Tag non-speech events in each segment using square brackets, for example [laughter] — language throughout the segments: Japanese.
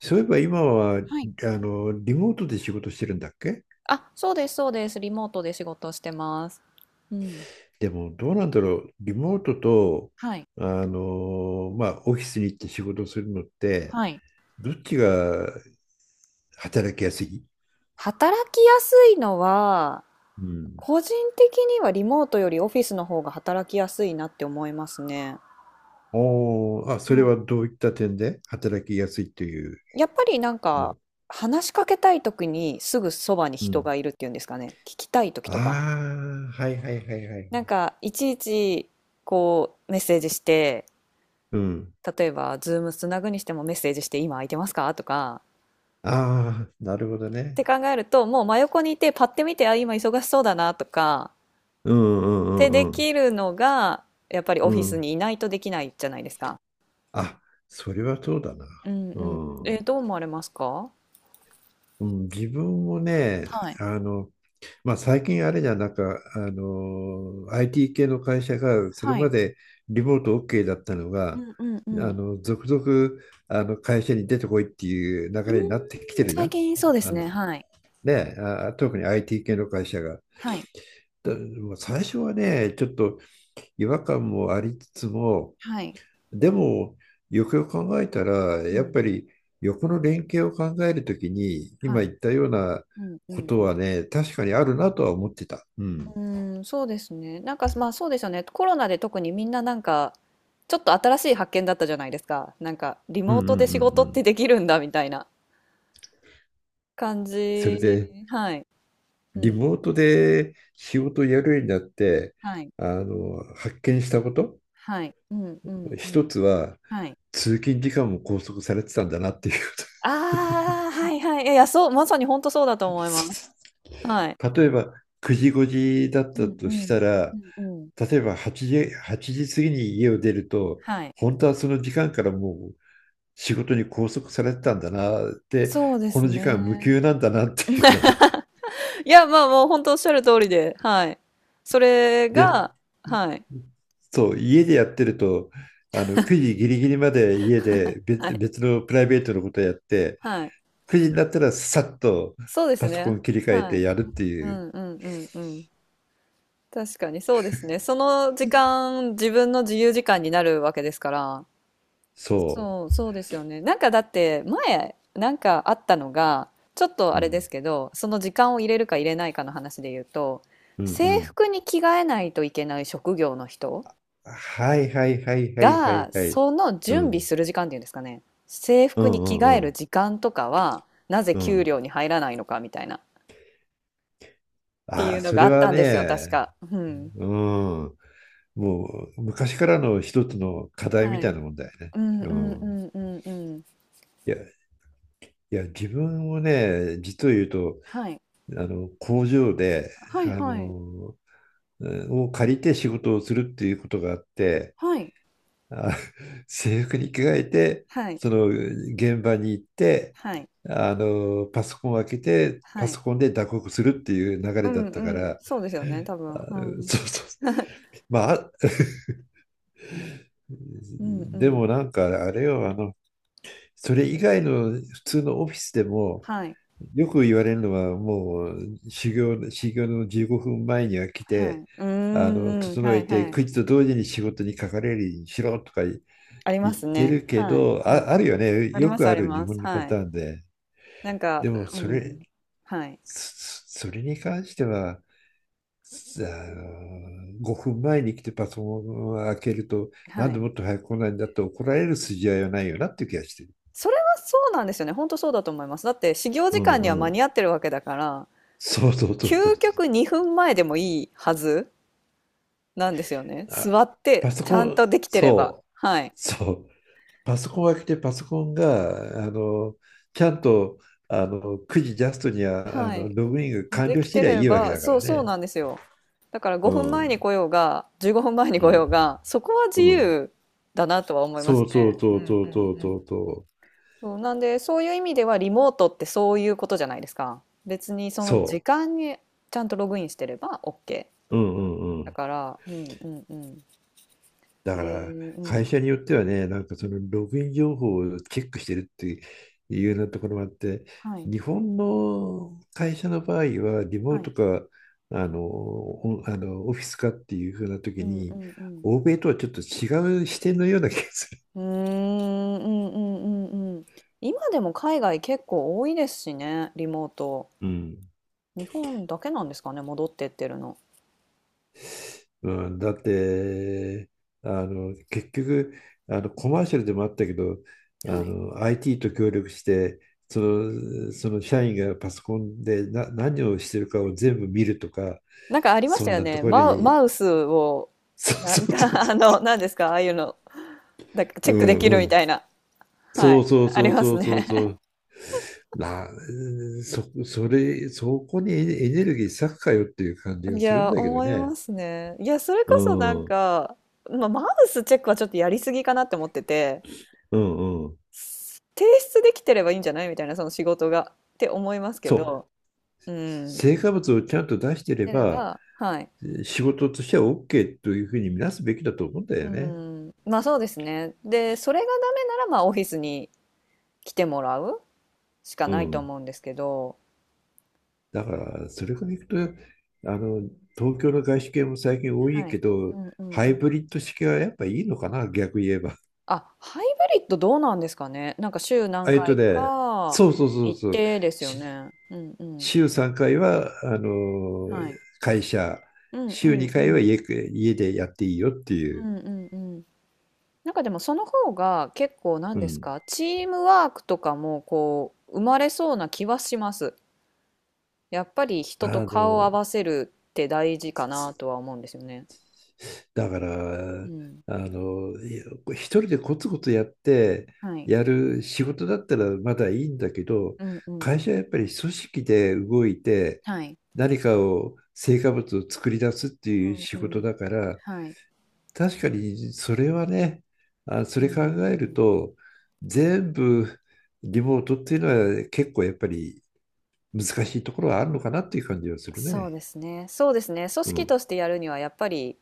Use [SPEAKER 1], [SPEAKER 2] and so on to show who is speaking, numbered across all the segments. [SPEAKER 1] そういえば今は、
[SPEAKER 2] はい。
[SPEAKER 1] リモートで仕事してるんだっけ？
[SPEAKER 2] あ、そうです、そうです。リモートで仕事してます。うん。
[SPEAKER 1] でも、どうなんだろう。リモートと、
[SPEAKER 2] はい。
[SPEAKER 1] まあ、オフィスに行って仕事するのって、
[SPEAKER 2] はい。
[SPEAKER 1] どっちが働きやすい？
[SPEAKER 2] 働きやすいのは、
[SPEAKER 1] うん。
[SPEAKER 2] 個人的にはリモートよりオフィスの方が働きやすいなって思いますね。
[SPEAKER 1] おー、あ、それは
[SPEAKER 2] は
[SPEAKER 1] どういった点で働きやすいという
[SPEAKER 2] い。やっぱりなん
[SPEAKER 1] の
[SPEAKER 2] か、
[SPEAKER 1] は？
[SPEAKER 2] 話しかけたい時にすぐそばに
[SPEAKER 1] う
[SPEAKER 2] 人
[SPEAKER 1] ん。
[SPEAKER 2] がいるっていうんですかね。聞きたい時とか。
[SPEAKER 1] ああ、はいはいはいは
[SPEAKER 2] なん
[SPEAKER 1] い。
[SPEAKER 2] か、いちいち、こう、メッセージして、
[SPEAKER 1] うん。
[SPEAKER 2] 例えば、ズームつなぐにしてもメッセージして、今空いてますかとか、
[SPEAKER 1] ああ、なるほど
[SPEAKER 2] っ
[SPEAKER 1] ね。
[SPEAKER 2] て考えると、もう真横にいて、パッて見て、あ、今忙しそうだなとか、
[SPEAKER 1] うんう
[SPEAKER 2] で
[SPEAKER 1] んう
[SPEAKER 2] で
[SPEAKER 1] んうん。
[SPEAKER 2] きるのが、やっぱり
[SPEAKER 1] う
[SPEAKER 2] オフィス
[SPEAKER 1] ん。
[SPEAKER 2] にいないとできないじゃないですか。
[SPEAKER 1] あ、それはそうだな。
[SPEAKER 2] うん
[SPEAKER 1] う
[SPEAKER 2] うん。
[SPEAKER 1] ん。
[SPEAKER 2] どう思われますか？
[SPEAKER 1] うん、自分もね、
[SPEAKER 2] はい。
[SPEAKER 1] あの、まあ、最近あれじゃん、なんか、IT 系の会社が、それ
[SPEAKER 2] は
[SPEAKER 1] ま
[SPEAKER 2] い。
[SPEAKER 1] でリモート OK だったの
[SPEAKER 2] う
[SPEAKER 1] が、
[SPEAKER 2] んうんうん。
[SPEAKER 1] 続々、会社に出てこいっていう流
[SPEAKER 2] う
[SPEAKER 1] れになってきて
[SPEAKER 2] ーん、
[SPEAKER 1] るじゃ
[SPEAKER 2] 最
[SPEAKER 1] ん。
[SPEAKER 2] 近そうで
[SPEAKER 1] あ
[SPEAKER 2] す
[SPEAKER 1] の、
[SPEAKER 2] ね、はい。
[SPEAKER 1] ね、あ、特に IT 系の会社が。
[SPEAKER 2] はい。
[SPEAKER 1] だもう最初はね、ちょっと違和感もありつつも、
[SPEAKER 2] はい。
[SPEAKER 1] でも、よくよく考えたら、
[SPEAKER 2] う
[SPEAKER 1] やっ
[SPEAKER 2] ん。
[SPEAKER 1] ぱり横の連携を考えるときに、
[SPEAKER 2] は
[SPEAKER 1] 今
[SPEAKER 2] い。
[SPEAKER 1] 言ったような
[SPEAKER 2] うんう
[SPEAKER 1] こ
[SPEAKER 2] ん
[SPEAKER 1] と
[SPEAKER 2] うん。
[SPEAKER 1] はね、確かにあるなとは思ってた。うん。
[SPEAKER 2] うーん、そうですね。なんか、まあそうですよね。コロナで特にみんななんか、ちょっと新しい発見だったじゃないですか。なんか、リ
[SPEAKER 1] うん
[SPEAKER 2] モ
[SPEAKER 1] うん
[SPEAKER 2] ー
[SPEAKER 1] うんう
[SPEAKER 2] トで仕事っ
[SPEAKER 1] ん。
[SPEAKER 2] てできるんだみたいな感
[SPEAKER 1] それ
[SPEAKER 2] じ。
[SPEAKER 1] で、
[SPEAKER 2] はい。う
[SPEAKER 1] リ
[SPEAKER 2] ん。
[SPEAKER 1] モートで仕事をやるようになって、
[SPEAKER 2] はい。
[SPEAKER 1] 発見したこと、
[SPEAKER 2] はい。うんうんう
[SPEAKER 1] 一
[SPEAKER 2] ん。
[SPEAKER 1] つは、
[SPEAKER 2] はい。
[SPEAKER 1] 通勤時間も拘束されてたんだなっていうこ
[SPEAKER 2] ああ、はいはい。いやいや、そう、まさに本当そうだと思います。はい。
[SPEAKER 1] と。[laughs] 例えば、9時5時だっ
[SPEAKER 2] う
[SPEAKER 1] た
[SPEAKER 2] んう
[SPEAKER 1] とし
[SPEAKER 2] ん。
[SPEAKER 1] た
[SPEAKER 2] う
[SPEAKER 1] ら、
[SPEAKER 2] んうん。
[SPEAKER 1] 例えば8時、8時過ぎに家を出ると、
[SPEAKER 2] はい。
[SPEAKER 1] 本当はその時間からもう仕事に拘束されてたんだなって、
[SPEAKER 2] そうで
[SPEAKER 1] この
[SPEAKER 2] す
[SPEAKER 1] 時間無
[SPEAKER 2] ね。
[SPEAKER 1] 給なんだなっていうね。
[SPEAKER 2] いや、まあ、もう本当おっしゃる通りで、はい。そ
[SPEAKER 1] [laughs]
[SPEAKER 2] れ
[SPEAKER 1] で、
[SPEAKER 2] が、はい。
[SPEAKER 1] そう、家でやってると、9時ギリギリまで家で
[SPEAKER 2] は
[SPEAKER 1] 別、
[SPEAKER 2] い。
[SPEAKER 1] 別のプライベートのことをやって、
[SPEAKER 2] はい。
[SPEAKER 1] 9時になったらさっと
[SPEAKER 2] そうです
[SPEAKER 1] パソコ
[SPEAKER 2] ね。
[SPEAKER 1] ン切り替え
[SPEAKER 2] は
[SPEAKER 1] て
[SPEAKER 2] い。
[SPEAKER 1] やるって
[SPEAKER 2] う
[SPEAKER 1] いう、
[SPEAKER 2] んうんうんうん。確かにそうですね。その時間、自分の自由時間になるわけですから。
[SPEAKER 1] そ
[SPEAKER 2] そう、そうですよね。なんかだって前なんかあったのが、ちょっと
[SPEAKER 1] う。
[SPEAKER 2] あ
[SPEAKER 1] う
[SPEAKER 2] れで
[SPEAKER 1] ん、
[SPEAKER 2] すけど、その時間を入れるか入れないかの話で言うと、
[SPEAKER 1] うん、う
[SPEAKER 2] 制
[SPEAKER 1] ん。
[SPEAKER 2] 服に着替えないといけない職業の人
[SPEAKER 1] はいはいはいはいは
[SPEAKER 2] が
[SPEAKER 1] いはい。
[SPEAKER 2] その
[SPEAKER 1] う
[SPEAKER 2] 準備
[SPEAKER 1] ん、
[SPEAKER 2] する時間っていうんですかね。制
[SPEAKER 1] う
[SPEAKER 2] 服に
[SPEAKER 1] ん、う
[SPEAKER 2] 着替
[SPEAKER 1] ん、う
[SPEAKER 2] える
[SPEAKER 1] ん。
[SPEAKER 2] 時間とかはなぜ
[SPEAKER 1] う
[SPEAKER 2] 給
[SPEAKER 1] ん。
[SPEAKER 2] 料に入らないのかみたいなってい
[SPEAKER 1] あ
[SPEAKER 2] う
[SPEAKER 1] あ、
[SPEAKER 2] の
[SPEAKER 1] そ
[SPEAKER 2] があ
[SPEAKER 1] れ
[SPEAKER 2] った
[SPEAKER 1] は
[SPEAKER 2] まんですよね、確
[SPEAKER 1] ね、
[SPEAKER 2] か。うん、
[SPEAKER 1] うん、もう昔からの一つの課題み
[SPEAKER 2] は
[SPEAKER 1] た
[SPEAKER 2] い、
[SPEAKER 1] いなもんだよね。
[SPEAKER 2] うんう
[SPEAKER 1] う
[SPEAKER 2] んう
[SPEAKER 1] ん、
[SPEAKER 2] んうんうん、
[SPEAKER 1] いや、いや、自分もね、実を言うと、
[SPEAKER 2] はい
[SPEAKER 1] 工場で、
[SPEAKER 2] はい
[SPEAKER 1] あ
[SPEAKER 2] はい
[SPEAKER 1] の、うんを借りて仕事をするっていうことがあって、
[SPEAKER 2] はい
[SPEAKER 1] あ、制服に着替えて、
[SPEAKER 2] はい
[SPEAKER 1] その現場に行って、
[SPEAKER 2] はい。
[SPEAKER 1] パソコンを開けて、
[SPEAKER 2] は
[SPEAKER 1] パ
[SPEAKER 2] い、
[SPEAKER 1] ソコンで打刻するっていう流
[SPEAKER 2] う
[SPEAKER 1] れだ
[SPEAKER 2] ん
[SPEAKER 1] った
[SPEAKER 2] う
[SPEAKER 1] か
[SPEAKER 2] ん、
[SPEAKER 1] ら、
[SPEAKER 2] そうですよね、多
[SPEAKER 1] あ、
[SPEAKER 2] 分。うん。
[SPEAKER 1] そうそう。
[SPEAKER 2] [laughs]
[SPEAKER 1] まあ、あ、
[SPEAKER 2] うんう
[SPEAKER 1] でも
[SPEAKER 2] ん。
[SPEAKER 1] なんかあれよ、それ以外の普通のオフィスでも、
[SPEAKER 2] はい。
[SPEAKER 1] よく言われるのは、もう修行の15分前には来
[SPEAKER 2] はい。
[SPEAKER 1] て、
[SPEAKER 2] うーんうん、
[SPEAKER 1] 整
[SPEAKER 2] は
[SPEAKER 1] え
[SPEAKER 2] い
[SPEAKER 1] て、
[SPEAKER 2] はい。
[SPEAKER 1] 9時と同時に仕事にかかれるようにしろとか言
[SPEAKER 2] ありま
[SPEAKER 1] っ
[SPEAKER 2] す
[SPEAKER 1] て
[SPEAKER 2] ね。
[SPEAKER 1] るけ
[SPEAKER 2] はい。
[SPEAKER 1] ど、
[SPEAKER 2] うん。
[SPEAKER 1] あ、あるよね、
[SPEAKER 2] あり
[SPEAKER 1] よ
[SPEAKER 2] ます
[SPEAKER 1] く
[SPEAKER 2] あ
[SPEAKER 1] あ
[SPEAKER 2] り
[SPEAKER 1] る日
[SPEAKER 2] ます。
[SPEAKER 1] 本のパ
[SPEAKER 2] は
[SPEAKER 1] タ
[SPEAKER 2] い。
[SPEAKER 1] ーンで。
[SPEAKER 2] なんか、
[SPEAKER 1] でも、
[SPEAKER 2] う
[SPEAKER 1] それ、
[SPEAKER 2] ん。はい。
[SPEAKER 1] そそれに関しては、さあ5分前に来てパソコンを開けると、な
[SPEAKER 2] は
[SPEAKER 1] んで
[SPEAKER 2] い。
[SPEAKER 1] もっと早く来ないんだって怒られる筋合いはないよなっていう気がしてる。
[SPEAKER 2] それはそうなんですよね。本当そうだと思います。だって始業
[SPEAKER 1] う
[SPEAKER 2] 時間には
[SPEAKER 1] んう
[SPEAKER 2] 間に
[SPEAKER 1] ん。
[SPEAKER 2] 合ってるわけだから、
[SPEAKER 1] そうそうそうそう。
[SPEAKER 2] 究極2分前でもいいはずなんですよね。
[SPEAKER 1] あ、
[SPEAKER 2] 座っ
[SPEAKER 1] パ
[SPEAKER 2] て
[SPEAKER 1] ソ
[SPEAKER 2] ち
[SPEAKER 1] コ
[SPEAKER 2] ゃん
[SPEAKER 1] ン、
[SPEAKER 2] とできてれば。
[SPEAKER 1] そう、
[SPEAKER 2] はい。
[SPEAKER 1] そう。パソコンを開けてパソコンが、ちゃんと、9時ジャストには、
[SPEAKER 2] はい。
[SPEAKER 1] ログインが完
[SPEAKER 2] で
[SPEAKER 1] 了
[SPEAKER 2] き
[SPEAKER 1] して
[SPEAKER 2] て
[SPEAKER 1] りゃい
[SPEAKER 2] れ
[SPEAKER 1] いわけ
[SPEAKER 2] ば、
[SPEAKER 1] だか
[SPEAKER 2] そう
[SPEAKER 1] ら
[SPEAKER 2] そう
[SPEAKER 1] ね。
[SPEAKER 2] なんですよ。だから
[SPEAKER 1] う
[SPEAKER 2] 5分前に
[SPEAKER 1] ん、
[SPEAKER 2] 来ようが、15分前に
[SPEAKER 1] う
[SPEAKER 2] 来よう
[SPEAKER 1] ん、
[SPEAKER 2] が、そこは
[SPEAKER 1] う
[SPEAKER 2] 自
[SPEAKER 1] ん。
[SPEAKER 2] 由だなとは思いま
[SPEAKER 1] そ
[SPEAKER 2] す
[SPEAKER 1] う
[SPEAKER 2] ね。
[SPEAKER 1] そう
[SPEAKER 2] う
[SPEAKER 1] そう
[SPEAKER 2] ん
[SPEAKER 1] そうそう
[SPEAKER 2] うんうん。
[SPEAKER 1] そうそう。
[SPEAKER 2] そう、なんで、そういう意味ではリモートってそういうことじゃないですか。別にその時
[SPEAKER 1] そ
[SPEAKER 2] 間にちゃんとログインしてれば OK。
[SPEAKER 1] う。うんうんう
[SPEAKER 2] だ
[SPEAKER 1] ん。
[SPEAKER 2] から、うんうんうん。
[SPEAKER 1] だ
[SPEAKER 2] え
[SPEAKER 1] から
[SPEAKER 2] ー、う
[SPEAKER 1] 会
[SPEAKER 2] ん。
[SPEAKER 1] 社によってはね、なんかそのログイン情報をチェックしてるっていうようなところもあって、
[SPEAKER 2] はい、
[SPEAKER 1] 日本の会社の場合はリモ
[SPEAKER 2] は
[SPEAKER 1] ー
[SPEAKER 2] い。
[SPEAKER 1] トかあのおあのオフィスかっていうふうな
[SPEAKER 2] う
[SPEAKER 1] 時
[SPEAKER 2] んう
[SPEAKER 1] に、
[SPEAKER 2] んうん。
[SPEAKER 1] 欧米とはちょっと違う視点のような気がする。
[SPEAKER 2] うーん、うんうんうんうん。今でも海外結構多いですしね、リモート。
[SPEAKER 1] うん。
[SPEAKER 2] 日本だけなんですかね、戻ってってるの。
[SPEAKER 1] うん、だって、結局、コマーシャルでもあったけど、
[SPEAKER 2] はい。
[SPEAKER 1] IT と協力して、その社員がパソコンで何をしてるかを全部見るとか、
[SPEAKER 2] なんかありまし
[SPEAKER 1] そ
[SPEAKER 2] た
[SPEAKER 1] ん
[SPEAKER 2] よ
[SPEAKER 1] なと
[SPEAKER 2] ね。
[SPEAKER 1] ころに、
[SPEAKER 2] マウスを、
[SPEAKER 1] [laughs] そう
[SPEAKER 2] な
[SPEAKER 1] そ
[SPEAKER 2] んか、
[SPEAKER 1] うそうそう
[SPEAKER 2] [laughs] あの、
[SPEAKER 1] そ
[SPEAKER 2] 何ですか、ああいうの、だチ
[SPEAKER 1] う、
[SPEAKER 2] ェックでき
[SPEAKER 1] う
[SPEAKER 2] る
[SPEAKER 1] んう
[SPEAKER 2] み
[SPEAKER 1] ん、
[SPEAKER 2] たいな。は
[SPEAKER 1] そ
[SPEAKER 2] い。
[SPEAKER 1] うそう
[SPEAKER 2] あり
[SPEAKER 1] そう
[SPEAKER 2] ま
[SPEAKER 1] そ
[SPEAKER 2] す
[SPEAKER 1] う
[SPEAKER 2] ね。
[SPEAKER 1] そうそう、な、そ、それ、そこにエネルギー割くかよっていう感じ
[SPEAKER 2] [laughs]
[SPEAKER 1] が
[SPEAKER 2] い
[SPEAKER 1] するん
[SPEAKER 2] や、
[SPEAKER 1] だけど
[SPEAKER 2] 思いま
[SPEAKER 1] ね。
[SPEAKER 2] すね。いや、それ
[SPEAKER 1] う
[SPEAKER 2] こそなん
[SPEAKER 1] ん、うん、
[SPEAKER 2] か、まあ、マウスチェックはちょっとやりすぎかなって思ってて、
[SPEAKER 1] うん。
[SPEAKER 2] 提出できてればいいんじゃないみたいな、その仕事が。って思いますけ
[SPEAKER 1] そう、
[SPEAKER 2] ど、うん。っ
[SPEAKER 1] 成果物をちゃんと出してれ
[SPEAKER 2] ていうの
[SPEAKER 1] ば、
[SPEAKER 2] が、はい。
[SPEAKER 1] 仕事としては OK というふうに見なすべきだと思うんだ
[SPEAKER 2] う
[SPEAKER 1] よね。
[SPEAKER 2] ん。まあそうですね。で、それがダメなら、まあオフィスに来てもらうしか
[SPEAKER 1] う
[SPEAKER 2] ないと
[SPEAKER 1] ん。
[SPEAKER 2] 思うんですけど、
[SPEAKER 1] だから、それからいくと、あの、東京の外資系も最近多い
[SPEAKER 2] は
[SPEAKER 1] け
[SPEAKER 2] い。
[SPEAKER 1] ど、
[SPEAKER 2] うんうん
[SPEAKER 1] ハ
[SPEAKER 2] う
[SPEAKER 1] イ
[SPEAKER 2] ん。
[SPEAKER 1] ブリッド式はやっぱいいのかな、逆言えば。
[SPEAKER 2] あ、ハイブリッドどうなんですかね。なんか週何
[SPEAKER 1] あ
[SPEAKER 2] 回
[SPEAKER 1] ね、
[SPEAKER 2] か
[SPEAKER 1] そうそうそう
[SPEAKER 2] 行っ
[SPEAKER 1] そう。
[SPEAKER 2] てですよ
[SPEAKER 1] し
[SPEAKER 2] ね。うんうん。
[SPEAKER 1] 週3回は、
[SPEAKER 2] はい。
[SPEAKER 1] 会社、
[SPEAKER 2] うんう
[SPEAKER 1] 週
[SPEAKER 2] んう
[SPEAKER 1] 2回は
[SPEAKER 2] ん。
[SPEAKER 1] 家、でやっていいよって
[SPEAKER 2] う
[SPEAKER 1] いう。
[SPEAKER 2] んうんうん。なんかでもその方が結構な
[SPEAKER 1] う
[SPEAKER 2] んです
[SPEAKER 1] ん。
[SPEAKER 2] か、チームワークとかもこう生まれそうな気はします。やっぱり人と
[SPEAKER 1] あ
[SPEAKER 2] 顔を合
[SPEAKER 1] の、
[SPEAKER 2] わせるって大事かなとは思うんですよね。
[SPEAKER 1] だか
[SPEAKER 2] う
[SPEAKER 1] ら、
[SPEAKER 2] ん。
[SPEAKER 1] いや、一人でコツコツやって、
[SPEAKER 2] はい。
[SPEAKER 1] やる仕事だったらまだいいんだけど、
[SPEAKER 2] うんうんう
[SPEAKER 1] 会
[SPEAKER 2] ん。
[SPEAKER 1] 社はやっぱり組織で動いて、
[SPEAKER 2] はい。
[SPEAKER 1] 何かを、成果物を作り出すっていう仕
[SPEAKER 2] うんう
[SPEAKER 1] 事
[SPEAKER 2] ん。
[SPEAKER 1] だから、
[SPEAKER 2] はい。
[SPEAKER 1] 確かにそれはね、あ、
[SPEAKER 2] う
[SPEAKER 1] そ
[SPEAKER 2] んう
[SPEAKER 1] れ
[SPEAKER 2] んう
[SPEAKER 1] 考える
[SPEAKER 2] ん、
[SPEAKER 1] と、全部リモートっていうのは結構やっぱり難しいところはあるのかなっていう感じはする
[SPEAKER 2] そう
[SPEAKER 1] ね。
[SPEAKER 2] ですね。そうですね。組
[SPEAKER 1] う
[SPEAKER 2] 織
[SPEAKER 1] ん。
[SPEAKER 2] としてやるにはやっぱり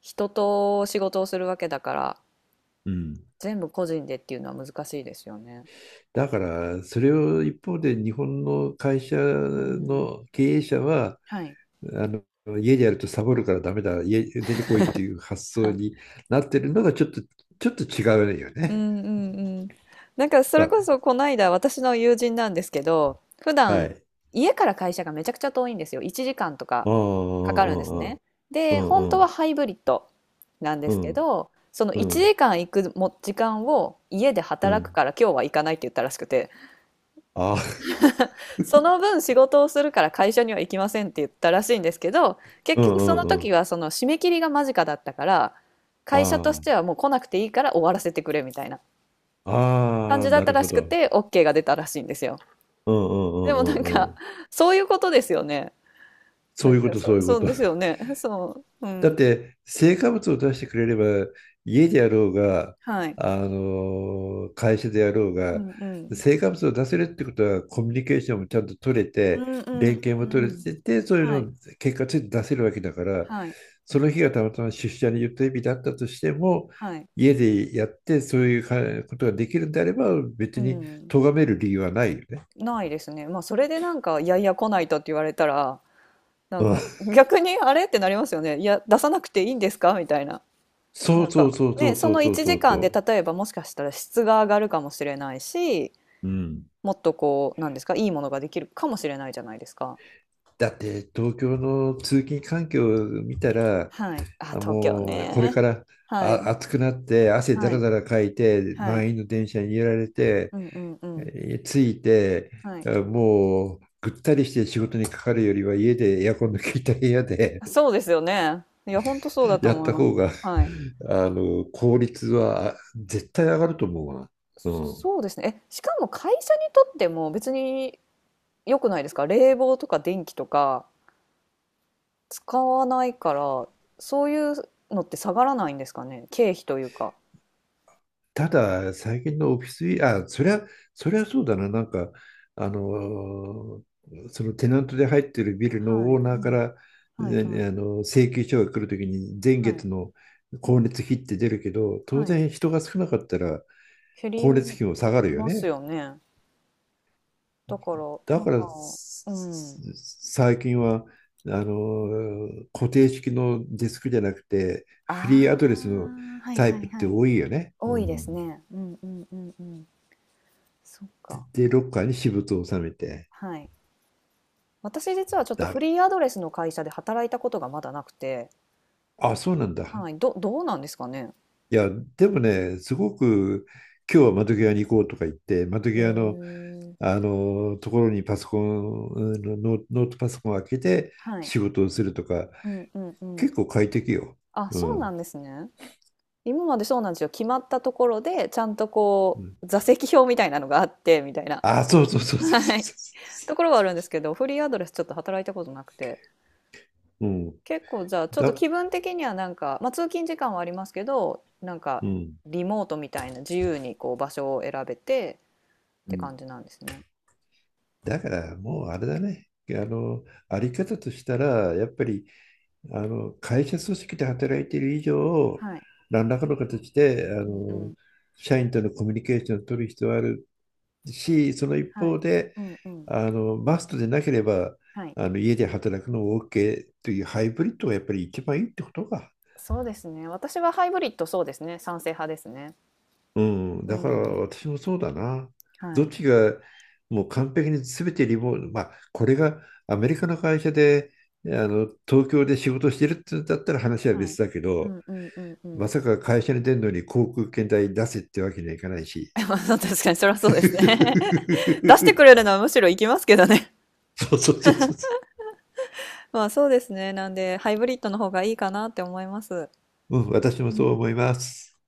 [SPEAKER 2] 人と仕事をするわけだから、
[SPEAKER 1] うん、
[SPEAKER 2] 全部個人でっていうのは難しいですよね。
[SPEAKER 1] だからそれを一方で日本の会社
[SPEAKER 2] うん。
[SPEAKER 1] の経営者は
[SPEAKER 2] はい。
[SPEAKER 1] あの家でやるとサボるからダメだ家出てこいっていう発
[SPEAKER 2] は
[SPEAKER 1] 想
[SPEAKER 2] い。
[SPEAKER 1] になってるのがちょっと違うよ
[SPEAKER 2] う
[SPEAKER 1] ね。
[SPEAKER 2] んうんうん。なんかそれこ
[SPEAKER 1] あ、
[SPEAKER 2] そこの間私の友人なんですけど、普
[SPEAKER 1] は
[SPEAKER 2] 段
[SPEAKER 1] い。
[SPEAKER 2] 家から会社がめちゃくちゃ遠いんですよ。1時間とか
[SPEAKER 1] うん
[SPEAKER 2] かかるんですね。
[SPEAKER 1] うんう
[SPEAKER 2] で、本当
[SPEAKER 1] んう
[SPEAKER 2] は
[SPEAKER 1] ん
[SPEAKER 2] ハイブリッドなんで
[SPEAKER 1] う
[SPEAKER 2] すけ
[SPEAKER 1] ん
[SPEAKER 2] ど、その
[SPEAKER 1] う
[SPEAKER 2] 1
[SPEAKER 1] ん
[SPEAKER 2] 時間行くも時間を家で
[SPEAKER 1] う
[SPEAKER 2] 働く
[SPEAKER 1] ん、
[SPEAKER 2] から今日は行かないって言ったらしくて。
[SPEAKER 1] あ、
[SPEAKER 2] その分仕事をするから会社には行きませんって言ったらしいんですけど、結
[SPEAKER 1] う
[SPEAKER 2] 局そ
[SPEAKER 1] ん
[SPEAKER 2] の
[SPEAKER 1] うんう
[SPEAKER 2] 時
[SPEAKER 1] ん、
[SPEAKER 2] はその締め切りが間近だったから、会社とし
[SPEAKER 1] あ
[SPEAKER 2] てはもう来なくていいから終わらせてくれみたいな
[SPEAKER 1] あ
[SPEAKER 2] 感
[SPEAKER 1] あ
[SPEAKER 2] じ
[SPEAKER 1] あ、
[SPEAKER 2] だっ
[SPEAKER 1] な
[SPEAKER 2] た
[SPEAKER 1] る
[SPEAKER 2] ら
[SPEAKER 1] ほ
[SPEAKER 2] しく
[SPEAKER 1] ど。
[SPEAKER 2] て、OK が出たらしいんですよ。
[SPEAKER 1] うんうんう
[SPEAKER 2] でもな
[SPEAKER 1] ん
[SPEAKER 2] ん
[SPEAKER 1] うんう
[SPEAKER 2] か、
[SPEAKER 1] ん、
[SPEAKER 2] そういうことですよね。
[SPEAKER 1] そ
[SPEAKER 2] な
[SPEAKER 1] う
[SPEAKER 2] ん
[SPEAKER 1] いうこ
[SPEAKER 2] か
[SPEAKER 1] と、
[SPEAKER 2] そ
[SPEAKER 1] そうい
[SPEAKER 2] う、
[SPEAKER 1] うこ
[SPEAKER 2] そう
[SPEAKER 1] と。
[SPEAKER 2] ですよね。そう。う
[SPEAKER 1] だっ
[SPEAKER 2] ん。
[SPEAKER 1] て、成果物を出してくれれば、家でやろうが、
[SPEAKER 2] はい。
[SPEAKER 1] 会社でやろう
[SPEAKER 2] う
[SPEAKER 1] が、
[SPEAKER 2] んうん。
[SPEAKER 1] 成果物を出せるってことは、コミュニケーションもちゃんと取れ
[SPEAKER 2] う
[SPEAKER 1] て、
[SPEAKER 2] んう
[SPEAKER 1] 連
[SPEAKER 2] ん
[SPEAKER 1] 携
[SPEAKER 2] う
[SPEAKER 1] も
[SPEAKER 2] んう
[SPEAKER 1] 取れ
[SPEAKER 2] ん。
[SPEAKER 1] てて、そういう
[SPEAKER 2] は
[SPEAKER 1] の
[SPEAKER 2] い。
[SPEAKER 1] を結果ついて出せるわけだから、
[SPEAKER 2] はい。
[SPEAKER 1] その日がたまたま出社の予定日だったとしても、
[SPEAKER 2] はい。
[SPEAKER 1] 家でやって、そういうかことができるんであれば、
[SPEAKER 2] う
[SPEAKER 1] 別に
[SPEAKER 2] ん。
[SPEAKER 1] 咎める理由はないよね。
[SPEAKER 2] ないですね。まあ、それでなんか、いやいや来ないとって言われたら、なん
[SPEAKER 1] う
[SPEAKER 2] か
[SPEAKER 1] ん。
[SPEAKER 2] 逆にあれってなりますよね。いや、出さなくていいんですかみたいな。な
[SPEAKER 1] そ
[SPEAKER 2] ん
[SPEAKER 1] うそう
[SPEAKER 2] か
[SPEAKER 1] そうそ
[SPEAKER 2] ね、
[SPEAKER 1] う
[SPEAKER 2] そ
[SPEAKER 1] そ
[SPEAKER 2] の
[SPEAKER 1] うそう
[SPEAKER 2] 1
[SPEAKER 1] そう
[SPEAKER 2] 時間で
[SPEAKER 1] そ
[SPEAKER 2] 例えばもしかしたら質が上がるかもしれないし、
[SPEAKER 1] う。うん。
[SPEAKER 2] もっとこう、なんですか、いいものができるかもしれないじゃないですか。
[SPEAKER 1] だって東京の通勤環境を見たら、
[SPEAKER 2] はい。あ、
[SPEAKER 1] あ、
[SPEAKER 2] 東京
[SPEAKER 1] もうこれか
[SPEAKER 2] ね。
[SPEAKER 1] ら
[SPEAKER 2] はい。
[SPEAKER 1] 暑くなって汗だ
[SPEAKER 2] は
[SPEAKER 1] ら
[SPEAKER 2] い。
[SPEAKER 1] だらかいて
[SPEAKER 2] はい。
[SPEAKER 1] 満員の電車に揺られて、
[SPEAKER 2] うんうんうん。
[SPEAKER 1] え着いて
[SPEAKER 2] はい。
[SPEAKER 1] もうぐったりして仕事にかかるよりは家でエアコンの効いた部屋で
[SPEAKER 2] そうですよね。いや、本当そうだ
[SPEAKER 1] [laughs]
[SPEAKER 2] と
[SPEAKER 1] やっ
[SPEAKER 2] 思い
[SPEAKER 1] た
[SPEAKER 2] ます。
[SPEAKER 1] 方が
[SPEAKER 2] はい。
[SPEAKER 1] 効率は絶対上がると思うわ。うん。
[SPEAKER 2] そうですね。え、しかも会社にとっても別に良くないですか？冷房とか電気とか。使わないから、そういうのって下がらないんですかね？経費というか。
[SPEAKER 1] ただ、最近のオフィス、あ、そりゃそうだな、なんか、あのーそのテナントで入ってるビル
[SPEAKER 2] は
[SPEAKER 1] の
[SPEAKER 2] い、
[SPEAKER 1] オー
[SPEAKER 2] う
[SPEAKER 1] ナーか
[SPEAKER 2] ん。
[SPEAKER 1] ら、
[SPEAKER 2] はいは
[SPEAKER 1] ね、
[SPEAKER 2] い、
[SPEAKER 1] あの請求書が来るときに、前
[SPEAKER 2] はい、
[SPEAKER 1] 月の光熱費って出るけど、当
[SPEAKER 2] はい。
[SPEAKER 1] 然人が少なかったら
[SPEAKER 2] 減り
[SPEAKER 1] 光熱費も下がるよ
[SPEAKER 2] ます
[SPEAKER 1] ね。
[SPEAKER 2] よね。だから、
[SPEAKER 1] だ
[SPEAKER 2] なん
[SPEAKER 1] か
[SPEAKER 2] か、
[SPEAKER 1] ら、
[SPEAKER 2] うん。
[SPEAKER 1] 最近は、固定式のデスクじゃなくて、
[SPEAKER 2] あ
[SPEAKER 1] フリーアドレスの
[SPEAKER 2] あ、はい
[SPEAKER 1] タイ
[SPEAKER 2] は
[SPEAKER 1] プ
[SPEAKER 2] い
[SPEAKER 1] っ
[SPEAKER 2] は
[SPEAKER 1] て
[SPEAKER 2] い。
[SPEAKER 1] 多いよね。
[SPEAKER 2] 多
[SPEAKER 1] う
[SPEAKER 2] いで
[SPEAKER 1] ん、
[SPEAKER 2] すね。うんうんうんうん。そっか。
[SPEAKER 1] で、ロッカーに私物を収めて。
[SPEAKER 2] はい。私実はちょっと
[SPEAKER 1] だ
[SPEAKER 2] フ
[SPEAKER 1] か
[SPEAKER 2] リーアドレスの会社で働いたことがまだなくて、
[SPEAKER 1] ら、あ、そうなんだ。
[SPEAKER 2] はい、どどうなんですかね？
[SPEAKER 1] いや、でもね、すごく今日は窓際に行こうとか言って、窓
[SPEAKER 2] へ
[SPEAKER 1] 際の、
[SPEAKER 2] え。
[SPEAKER 1] ところにパソコン、うんノーノートパソコンを開けて
[SPEAKER 2] はい。
[SPEAKER 1] 仕事をするとか、
[SPEAKER 2] うんうんうん。
[SPEAKER 1] 結構快適よ。
[SPEAKER 2] あ、
[SPEAKER 1] う
[SPEAKER 2] そうな
[SPEAKER 1] ん。
[SPEAKER 2] んですね。今までそうなんですよ。決まったところで、ちゃんと
[SPEAKER 1] う
[SPEAKER 2] こ
[SPEAKER 1] ん、
[SPEAKER 2] う、座席表みたいなのがあって、みたいな。
[SPEAKER 1] あ、そうそうそうそうそう
[SPEAKER 2] はい。
[SPEAKER 1] そ
[SPEAKER 2] ところはあるんですけど、フリーアドレスちょっと働いたことなくて。
[SPEAKER 1] う。うん。
[SPEAKER 2] 結構じゃあ、ちょっと
[SPEAKER 1] だ、
[SPEAKER 2] 気分的にはなんか、まあ通勤時間はありますけど、なんか、
[SPEAKER 1] うん。
[SPEAKER 2] リモートみたいな自由にこう場所を選べてっ
[SPEAKER 1] う
[SPEAKER 2] て
[SPEAKER 1] ん。
[SPEAKER 2] 感じなんですね。
[SPEAKER 1] だからもうあれだね。あり方としたら、やっぱり会社組織で働いている以上、
[SPEAKER 2] はい。
[SPEAKER 1] 何らかの形で
[SPEAKER 2] うんうん。
[SPEAKER 1] 社員とのコミュニケーションを取る必要はあるし、その一
[SPEAKER 2] はい。
[SPEAKER 1] 方で、
[SPEAKER 2] うんうん。
[SPEAKER 1] マストでなければ
[SPEAKER 2] はい。
[SPEAKER 1] 家で働くのも OK というハイブリッドがやっぱり一番いいってことか。
[SPEAKER 2] そうですね。私はハイブリッド、そうですね、賛成派ですね。
[SPEAKER 1] うん、
[SPEAKER 2] う
[SPEAKER 1] だから
[SPEAKER 2] ん。
[SPEAKER 1] 私もそうだな。
[SPEAKER 2] は
[SPEAKER 1] どっ
[SPEAKER 2] い。
[SPEAKER 1] ちがもう完璧に全てリモート、まあ、これがアメリカの会社で東京で仕事してるってだったら話は
[SPEAKER 2] は
[SPEAKER 1] 別
[SPEAKER 2] い。
[SPEAKER 1] だけ
[SPEAKER 2] う
[SPEAKER 1] ど、
[SPEAKER 2] んうんうんう
[SPEAKER 1] ま
[SPEAKER 2] ん。
[SPEAKER 1] さか会社に出るのに航空券代出せってわけにはいかないし。
[SPEAKER 2] [laughs] まあそう、確かにそれはそうですね。[laughs] 出してくれ
[SPEAKER 1] [laughs]
[SPEAKER 2] るのはむしろ行きますけどね。
[SPEAKER 1] そうそうそうそ
[SPEAKER 2] [laughs] まあ、そうですね。なんで、ハイブリッドの方がいいかなって思います。
[SPEAKER 1] う。うん、私
[SPEAKER 2] う
[SPEAKER 1] もそう
[SPEAKER 2] ん。
[SPEAKER 1] 思います。